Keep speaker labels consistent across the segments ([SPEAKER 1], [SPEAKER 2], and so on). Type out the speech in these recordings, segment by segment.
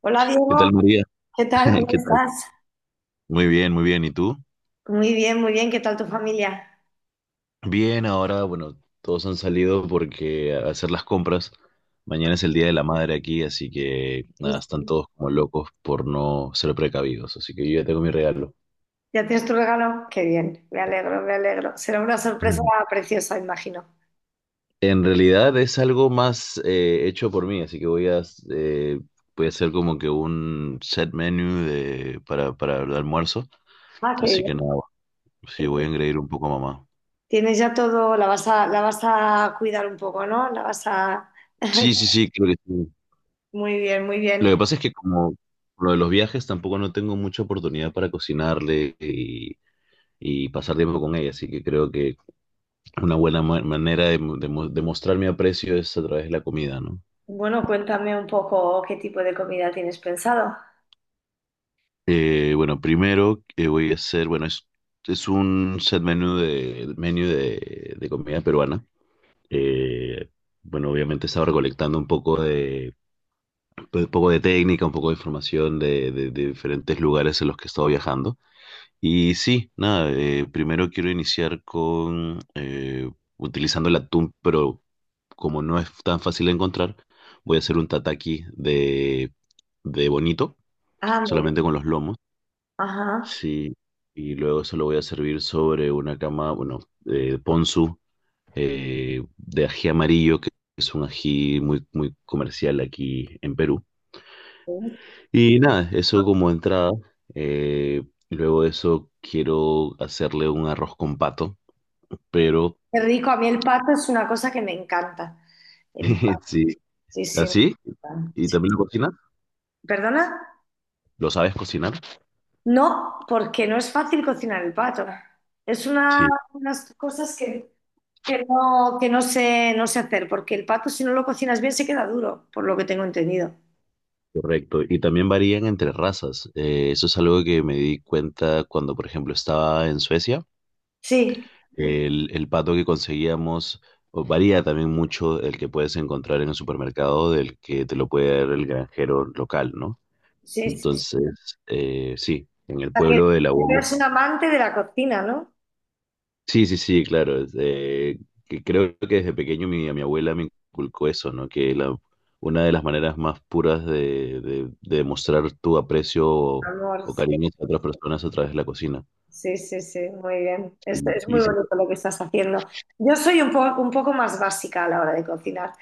[SPEAKER 1] Hola
[SPEAKER 2] ¿Qué
[SPEAKER 1] Diego,
[SPEAKER 2] tal, María?
[SPEAKER 1] ¿qué tal? ¿Cómo
[SPEAKER 2] ¿Qué tal?
[SPEAKER 1] estás?
[SPEAKER 2] Muy bien, muy bien. ¿Y tú?
[SPEAKER 1] Muy bien, muy bien. ¿Qué tal tu familia?
[SPEAKER 2] Bien, ahora, bueno, todos han salido porque a hacer las compras. Mañana es el Día de la Madre aquí, así que nada, están todos como locos por no ser precavidos. Así que yo ya tengo mi regalo.
[SPEAKER 1] ¿Ya tienes tu regalo? Qué bien, me alegro, me alegro. Será una sorpresa
[SPEAKER 2] Ujú.
[SPEAKER 1] preciosa, imagino.
[SPEAKER 2] En realidad es algo más hecho por mí, así que eh, voy a hacer como que un set menu para el almuerzo.
[SPEAKER 1] Ah, qué
[SPEAKER 2] Así que
[SPEAKER 1] bien.
[SPEAKER 2] nada, sí, voy a engreír un poco a mamá.
[SPEAKER 1] Tienes ya todo, la vas a cuidar un poco, ¿no? La vas a...
[SPEAKER 2] Sí, sí, sí, creo que sí.
[SPEAKER 1] Muy bien, muy
[SPEAKER 2] Lo
[SPEAKER 1] bien.
[SPEAKER 2] que pasa es que como lo de los viajes tampoco no tengo mucha oportunidad para cocinarle y pasar tiempo con ella, así que creo que una buena manera de mostrar mi aprecio es a través de la comida, ¿no?
[SPEAKER 1] Bueno, cuéntame un poco qué tipo de comida tienes pensado.
[SPEAKER 2] Bueno, primero que voy a hacer, bueno, es un set menú de comida peruana. Eh, bueno, obviamente estaba recolectando un poco de, pues, un poco de técnica, un poco de información de diferentes lugares en los que he estado viajando. Y sí, nada, primero quiero iniciar con utilizando el atún, pero como no es tan fácil de encontrar, voy a hacer un tataki de bonito,
[SPEAKER 1] Ah, muy bien.
[SPEAKER 2] solamente con los lomos.
[SPEAKER 1] Ajá.
[SPEAKER 2] Sí, y luego eso lo voy a servir sobre una cama, bueno, ponzu de ají amarillo, que es un ají muy, muy comercial aquí en Perú.
[SPEAKER 1] Qué
[SPEAKER 2] Y nada, eso como entrada. eh, Luego de eso quiero hacerle un arroz con pato. Pero
[SPEAKER 1] rico. A mí el pato es una cosa que me encanta. El pato,
[SPEAKER 2] sí,
[SPEAKER 1] sí, sí, me
[SPEAKER 2] así.
[SPEAKER 1] encanta.
[SPEAKER 2] ¿Y
[SPEAKER 1] Sí.
[SPEAKER 2] también lo cocinas?
[SPEAKER 1] ¿Perdona?
[SPEAKER 2] ¿Lo sabes cocinar?
[SPEAKER 1] No, porque no es fácil cocinar el pato. Es una,
[SPEAKER 2] Sí,
[SPEAKER 1] unas cosas que no sé, no sé hacer, porque el pato si no lo cocinas bien se queda duro, por lo que tengo entendido.
[SPEAKER 2] correcto. Y también varían entre razas. Eso es algo que me di cuenta cuando, por ejemplo, estaba en Suecia.
[SPEAKER 1] Sí,
[SPEAKER 2] El pato que conseguíamos o varía también mucho el que puedes encontrar en el supermercado del que te lo puede dar el granjero local, ¿no?
[SPEAKER 1] sí, sí, sí.
[SPEAKER 2] Entonces, sí, en
[SPEAKER 1] O
[SPEAKER 2] el
[SPEAKER 1] sea, que
[SPEAKER 2] pueblo del abuelo.
[SPEAKER 1] eres un amante de la cocina, ¿no?
[SPEAKER 2] Sí, sí, sí, claro. Es que creo que desde pequeño mi abuela me inculcó eso, ¿no? Que la, una de las maneras más puras de demostrar tu aprecio
[SPEAKER 1] Amor.
[SPEAKER 2] o cariño hacia otras personas es a través de la cocina.
[SPEAKER 1] Sí, sí, sí, muy bien. Es
[SPEAKER 2] Y
[SPEAKER 1] muy
[SPEAKER 2] sí.
[SPEAKER 1] bonito lo que estás haciendo. Yo soy un poco más básica a la hora de cocinar.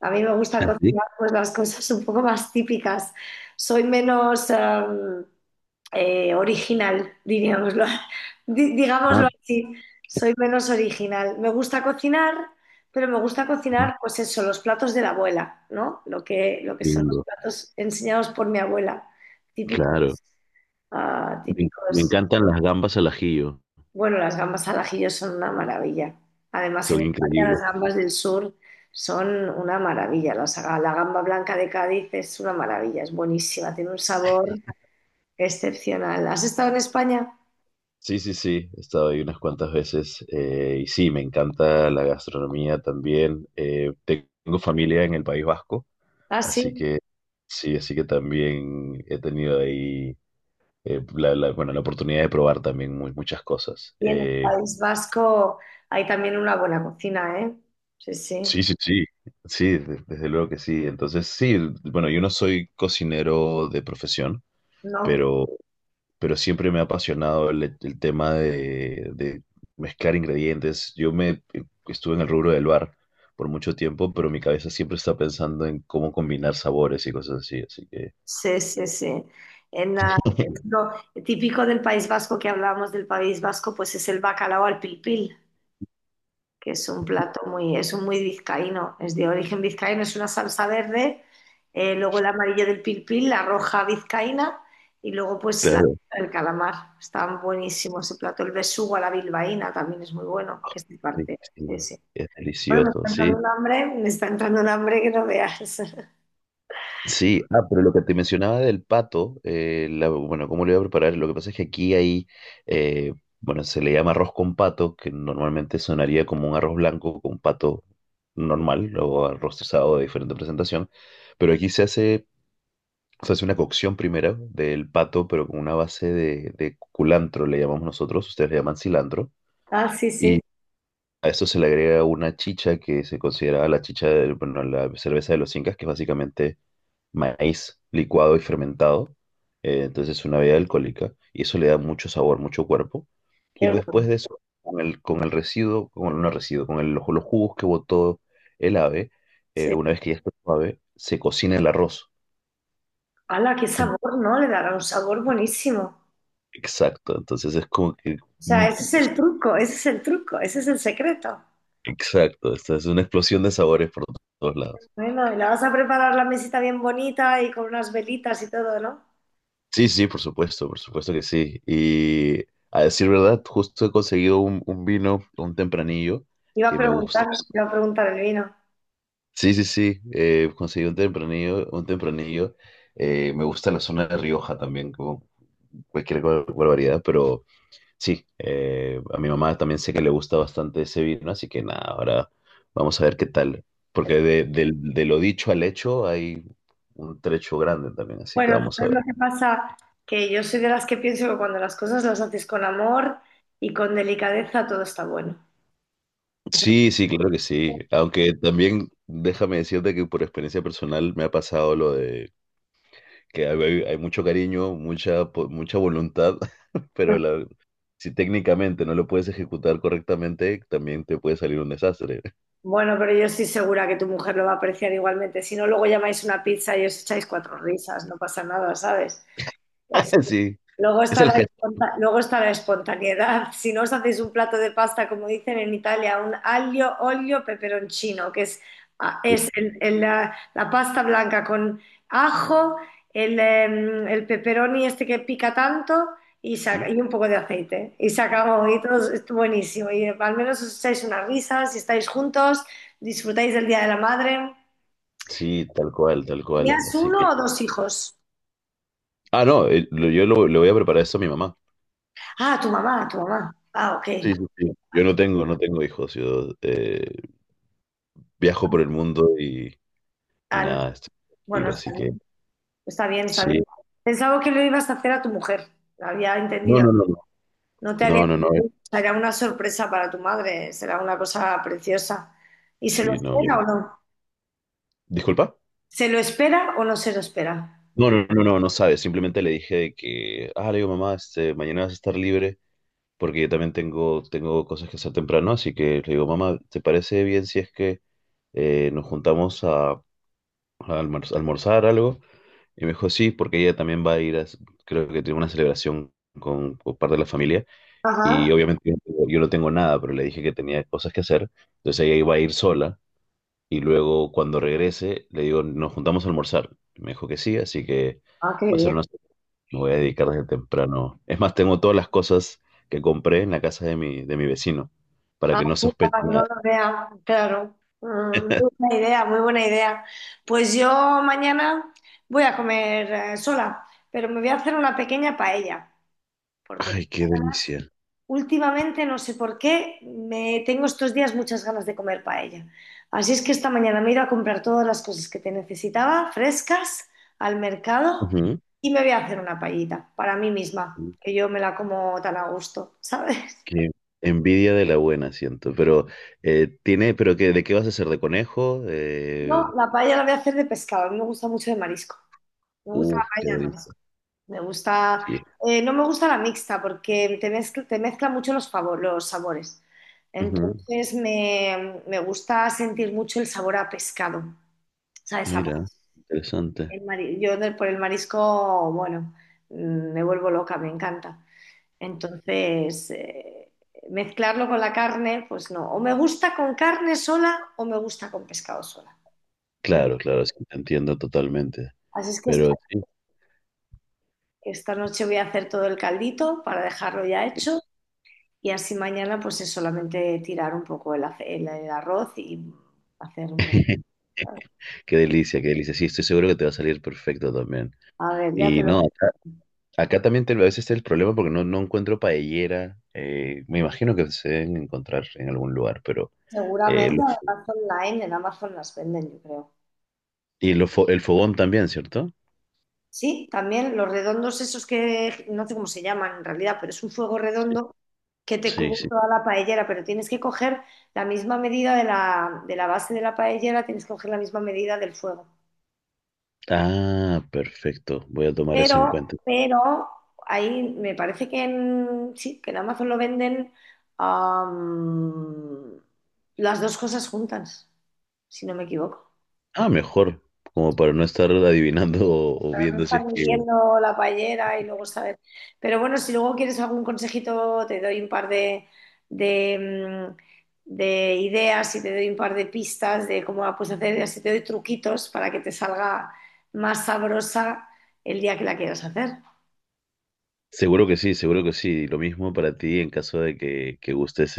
[SPEAKER 1] A mí me gusta
[SPEAKER 2] ¿Ah, sí?
[SPEAKER 1] cocinar pues las cosas un poco más típicas. Soy menos original, diríamoslo,
[SPEAKER 2] Ah,
[SPEAKER 1] digámoslo así. Soy menos original. Me gusta cocinar, pero me gusta
[SPEAKER 2] ujú,
[SPEAKER 1] cocinar, pues eso, los platos de la abuela, ¿no? Lo que son los
[SPEAKER 2] lindo.
[SPEAKER 1] platos enseñados por mi abuela, típicos,
[SPEAKER 2] Claro.
[SPEAKER 1] ah,
[SPEAKER 2] Me
[SPEAKER 1] típicos.
[SPEAKER 2] encantan las gambas al ajillo.
[SPEAKER 1] Bueno, las gambas al ajillo son una maravilla. Además,
[SPEAKER 2] Son
[SPEAKER 1] en España
[SPEAKER 2] increíbles.
[SPEAKER 1] las gambas del sur son una maravilla. La gamba blanca de Cádiz es una maravilla, es buenísima, tiene un sabor excepcional. ¿Has estado en España?
[SPEAKER 2] Sí, sí, sí. He estado ahí unas cuantas veces. Y sí, me encanta la gastronomía también. Tengo familia en el País Vasco.
[SPEAKER 1] Ah,
[SPEAKER 2] Así
[SPEAKER 1] sí.
[SPEAKER 2] que sí, así que también he tenido ahí bueno, la oportunidad de probar también muchas cosas.
[SPEAKER 1] Y en el País Vasco hay también una buena cocina, ¿eh? Sí, sí.
[SPEAKER 2] Sí, sí, sí, sí, desde luego que sí. Entonces sí, bueno, yo no soy cocinero de profesión,
[SPEAKER 1] ¿No?
[SPEAKER 2] pero, pero siempre me ha apasionado el tema de mezclar ingredientes. Yo me estuve en el rubro del bar por mucho tiempo, pero mi cabeza siempre está pensando en cómo combinar sabores y cosas así, así que...
[SPEAKER 1] Sí, sí, sí. En la- lo típico del País Vasco que hablábamos del País Vasco, pues es el bacalao al pilpil, que es un plato muy, es un muy vizcaíno, es de origen vizcaíno, es una salsa verde, luego el amarillo del pilpil, la roja vizcaína y luego pues la, el calamar. Está buenísimo ese plato. El besugo a la bilbaína también es muy bueno, que es de
[SPEAKER 2] Sí,
[SPEAKER 1] parte. Sí,
[SPEAKER 2] sí,
[SPEAKER 1] sí.
[SPEAKER 2] es
[SPEAKER 1] Bueno, me
[SPEAKER 2] delicioso,
[SPEAKER 1] está
[SPEAKER 2] sí.
[SPEAKER 1] entrando un hambre, me está entrando un hambre que no veas.
[SPEAKER 2] Sí, ah, pero lo que te mencionaba del pato, bueno, ¿cómo lo iba a preparar? Lo que pasa es que aquí hay, eh, bueno, se le llama arroz con pato, que normalmente sonaría como un arroz blanco con pato normal o arroz trozado de diferente presentación, pero aquí se hace una cocción primero del pato, pero con una base de culantro, le llamamos nosotros, ustedes le llaman cilantro.
[SPEAKER 1] Ah, sí, sí,
[SPEAKER 2] A esto se le agrega una chicha que se considera la chicha de, bueno, la cerveza de los incas, que es básicamente maíz licuado y fermentado. Entonces es una bebida alcohólica y eso le da mucho sabor, mucho cuerpo. Y
[SPEAKER 1] qué
[SPEAKER 2] después
[SPEAKER 1] bueno.
[SPEAKER 2] de eso, con el residuo, con no residuo, con los jugos que botó el ave,
[SPEAKER 1] Sí.
[SPEAKER 2] una vez que ya está suave, se cocina el arroz.
[SPEAKER 1] ¡Hala, qué
[SPEAKER 2] En-
[SPEAKER 1] sabor, ¿no? Le dará un sabor buenísimo.
[SPEAKER 2] Exacto, entonces es como que...
[SPEAKER 1] O
[SPEAKER 2] mm,
[SPEAKER 1] sea, ese es
[SPEAKER 2] es-
[SPEAKER 1] el truco, ese es el truco, ese es el secreto.
[SPEAKER 2] Exacto, esta es una explosión de sabores por todos lados.
[SPEAKER 1] Bueno, y la vas a preparar la mesita bien bonita y con unas velitas y todo, ¿no?
[SPEAKER 2] Sí, sí, por supuesto que sí. Y a decir verdad, justo he conseguido un vino, un tempranillo,
[SPEAKER 1] Iba a
[SPEAKER 2] que me gusta.
[SPEAKER 1] preguntar, iba a preguntar el vino.
[SPEAKER 2] Sí, sí, sí, conseguí un tempranillo, un tempranillo. Me gusta la zona de Rioja también, como cualquier barbaridad, pero sí, a mi mamá también sé que le gusta bastante ese vino, así que nada, ahora vamos a ver qué tal. Porque de lo dicho al hecho hay un trecho grande también, así que
[SPEAKER 1] Bueno,
[SPEAKER 2] vamos a
[SPEAKER 1] ¿sabes
[SPEAKER 2] ver.
[SPEAKER 1] lo que pasa? Que yo soy de las que pienso que cuando las cosas las haces con amor y con delicadeza, todo está bueno.
[SPEAKER 2] Sí, sí, claro que sí. Aunque también déjame decirte que por experiencia personal me ha pasado lo de que hay mucho cariño, mucha, mucha voluntad, pero si técnicamente no lo puedes ejecutar correctamente, también te puede salir un desastre.
[SPEAKER 1] Bueno, pero yo estoy segura que tu mujer lo va a apreciar igualmente. Si no, luego llamáis una pizza y os echáis cuatro risas, no pasa nada, ¿sabes? Es-
[SPEAKER 2] Sí,
[SPEAKER 1] luego
[SPEAKER 2] es
[SPEAKER 1] está la
[SPEAKER 2] el gesto.
[SPEAKER 1] luego está la espontaneidad. Si no os hacéis un plato de pasta, como dicen en Italia, un aglio, olio, peperoncino, que es, ah, es la pasta blanca con ajo, el pepperoni este que pica tanto y,
[SPEAKER 2] ¿No?
[SPEAKER 1] y un poco de aceite. Y se acabó, y todo es buenísimo. Y al menos os echáis unas risas, si estáis juntos, disfrutáis del Día de la Madre.
[SPEAKER 2] Sí, tal cual, tal cual.
[SPEAKER 1] ¿Tenías
[SPEAKER 2] Así que...
[SPEAKER 1] uno o dos hijos?
[SPEAKER 2] Ah, no, le voy a preparar esto a mi mamá.
[SPEAKER 1] Ah, tu mamá, tu mamá. Ah, ok.
[SPEAKER 2] Sí, sí, sí. Yo
[SPEAKER 1] Ah.
[SPEAKER 2] no tengo, No tengo hijos. Yo viajo por el mundo y
[SPEAKER 1] Ah, no.
[SPEAKER 2] nada, estoy
[SPEAKER 1] Bueno,
[SPEAKER 2] tranquilo,
[SPEAKER 1] está
[SPEAKER 2] así
[SPEAKER 1] bien,
[SPEAKER 2] que
[SPEAKER 1] está bien, está
[SPEAKER 2] sí.
[SPEAKER 1] bien. Pensaba que lo ibas a hacer a tu mujer, lo había
[SPEAKER 2] No,
[SPEAKER 1] entendido.
[SPEAKER 2] no, no. No.
[SPEAKER 1] No te había
[SPEAKER 2] No, no, no. Eh,
[SPEAKER 1] entendido. Será una sorpresa para tu madre, será una cosa preciosa. ¿Y se lo
[SPEAKER 2] sí, no.
[SPEAKER 1] espera o no?
[SPEAKER 2] Disculpa.
[SPEAKER 1] ¿Se lo espera o no se lo espera?
[SPEAKER 2] No, no, no, no, no sabe. Simplemente le dije de que, ah, le digo, mamá, este, mañana vas a estar libre porque yo también tengo cosas que hacer temprano. Así que le digo, mamá, ¿te parece bien si es que nos juntamos a almorzar algo? Y me dijo, sí, porque ella también va a ir a, creo que tiene una celebración con parte de la familia.
[SPEAKER 1] Ajá.
[SPEAKER 2] Y obviamente yo no tengo nada, pero le dije que tenía cosas que hacer. Entonces ella iba a ir sola. Y luego cuando regrese, le digo, nos juntamos a almorzar. Me dijo que sí, así que
[SPEAKER 1] Ah, qué
[SPEAKER 2] va a ser
[SPEAKER 1] bien.
[SPEAKER 2] una... Me voy a dedicar desde temprano. Es más, tengo todas las cosas que compré en la casa de mi vecino, para
[SPEAKER 1] Ah,
[SPEAKER 2] que no
[SPEAKER 1] sí,
[SPEAKER 2] sospeche
[SPEAKER 1] para que
[SPEAKER 2] nada.
[SPEAKER 1] no lo vea, claro. Mm, muy buena idea, muy buena idea. Pues yo mañana voy a comer sola, pero me voy a hacer una pequeña paella, porque
[SPEAKER 2] Ay,
[SPEAKER 1] tengo
[SPEAKER 2] qué
[SPEAKER 1] ganas.
[SPEAKER 2] delicia.
[SPEAKER 1] Últimamente, no sé por qué, me tengo estos días muchas ganas de comer paella. Así es que esta mañana me he ido a comprar todas las cosas que te necesitaba, frescas, al mercado,
[SPEAKER 2] Ujú.
[SPEAKER 1] y me voy a hacer una paellita para mí misma, que yo me la como tan a gusto, ¿sabes?
[SPEAKER 2] Qué envidia de la buena, siento. Pero, tiene, pero qué, ¿de qué vas a hacer? ¿De conejo?
[SPEAKER 1] No, la paella la voy a hacer de pescado, a mí me gusta mucho de marisco. Me gusta la
[SPEAKER 2] Uf, qué
[SPEAKER 1] paella de
[SPEAKER 2] delicia.
[SPEAKER 1] marisco. Me gusta,
[SPEAKER 2] Sí.
[SPEAKER 1] no me gusta la mixta porque te mezcla mucho los, los sabores.
[SPEAKER 2] Ujú.
[SPEAKER 1] Me gusta sentir mucho el sabor a pescado. ¿Sabes? Amar
[SPEAKER 2] Mira, interesante.
[SPEAKER 1] por el marisco, bueno, mm, me vuelvo loca, me encanta. Entonces, mezclarlo con la carne, pues no. O me gusta con carne sola o me gusta con pescado sola. Pero,
[SPEAKER 2] Claro, claro, sí, te entiendo totalmente.
[SPEAKER 1] así es que esta,
[SPEAKER 2] Pero sí,
[SPEAKER 1] esta noche voy a hacer todo el caldito para dejarlo ya hecho y así mañana pues es solamente tirar un poco el arroz y hacer un poco.
[SPEAKER 2] qué delicia, qué delicia. Sí, estoy seguro que te va a salir perfecto también.
[SPEAKER 1] A ver, ya te
[SPEAKER 2] Y
[SPEAKER 1] lo...
[SPEAKER 2] no, acá, acá también a veces está el problema porque no encuentro paellera. Me imagino que se deben encontrar en algún lugar, pero... eh,
[SPEAKER 1] Seguramente en
[SPEAKER 2] los-
[SPEAKER 1] Amazon Line, en Amazon las venden, yo creo.
[SPEAKER 2] y los el fogón también, ¿cierto?
[SPEAKER 1] Sí, también los redondos esos que no sé cómo se llaman en realidad, pero es un fuego redondo que te
[SPEAKER 2] Sí,
[SPEAKER 1] cubre
[SPEAKER 2] sí.
[SPEAKER 1] toda la paellera, pero tienes que coger la misma medida de la base de la paellera, tienes que coger la misma medida del fuego.
[SPEAKER 2] Ah, perfecto. Voy a tomar eso en cuenta.
[SPEAKER 1] Pero ahí me parece que en, sí, que en Amazon lo venden, am, las dos cosas juntas, si no me equivoco.
[SPEAKER 2] Ah, mejor, como para no estar adivinando o
[SPEAKER 1] Para no
[SPEAKER 2] viendo si
[SPEAKER 1] estar
[SPEAKER 2] es que...
[SPEAKER 1] midiendo la paellera y luego saber. Pero bueno, si luego quieres algún consejito, te doy un par de, mm, de ideas y te doy un par de pistas de cómo la puedes hacer y así te doy truquitos para que te salga más sabrosa el día que la quieras hacer.
[SPEAKER 2] Seguro que sí, seguro que sí. Lo mismo para ti en caso de que gustes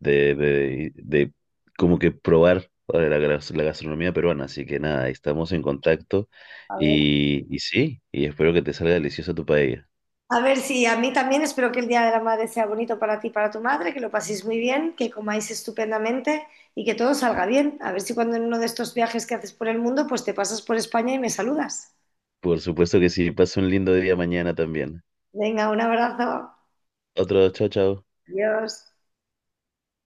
[SPEAKER 2] de como que probar la gastronomía peruana. Así que nada, ahí estamos en contacto
[SPEAKER 1] A ver.
[SPEAKER 2] y sí, y espero que te salga deliciosa tu paella.
[SPEAKER 1] A ver si a mí también espero que el Día de la Madre sea bonito para ti y para tu madre, que lo paséis muy bien, que comáis estupendamente y que todo salga bien. A ver si cuando en uno de estos viajes que haces por el mundo, pues te pasas por España y me saludas.
[SPEAKER 2] Por supuesto que sí, pasa un lindo día mañana también.
[SPEAKER 1] Venga, un abrazo.
[SPEAKER 2] Otro, chao, chao.
[SPEAKER 1] Adiós.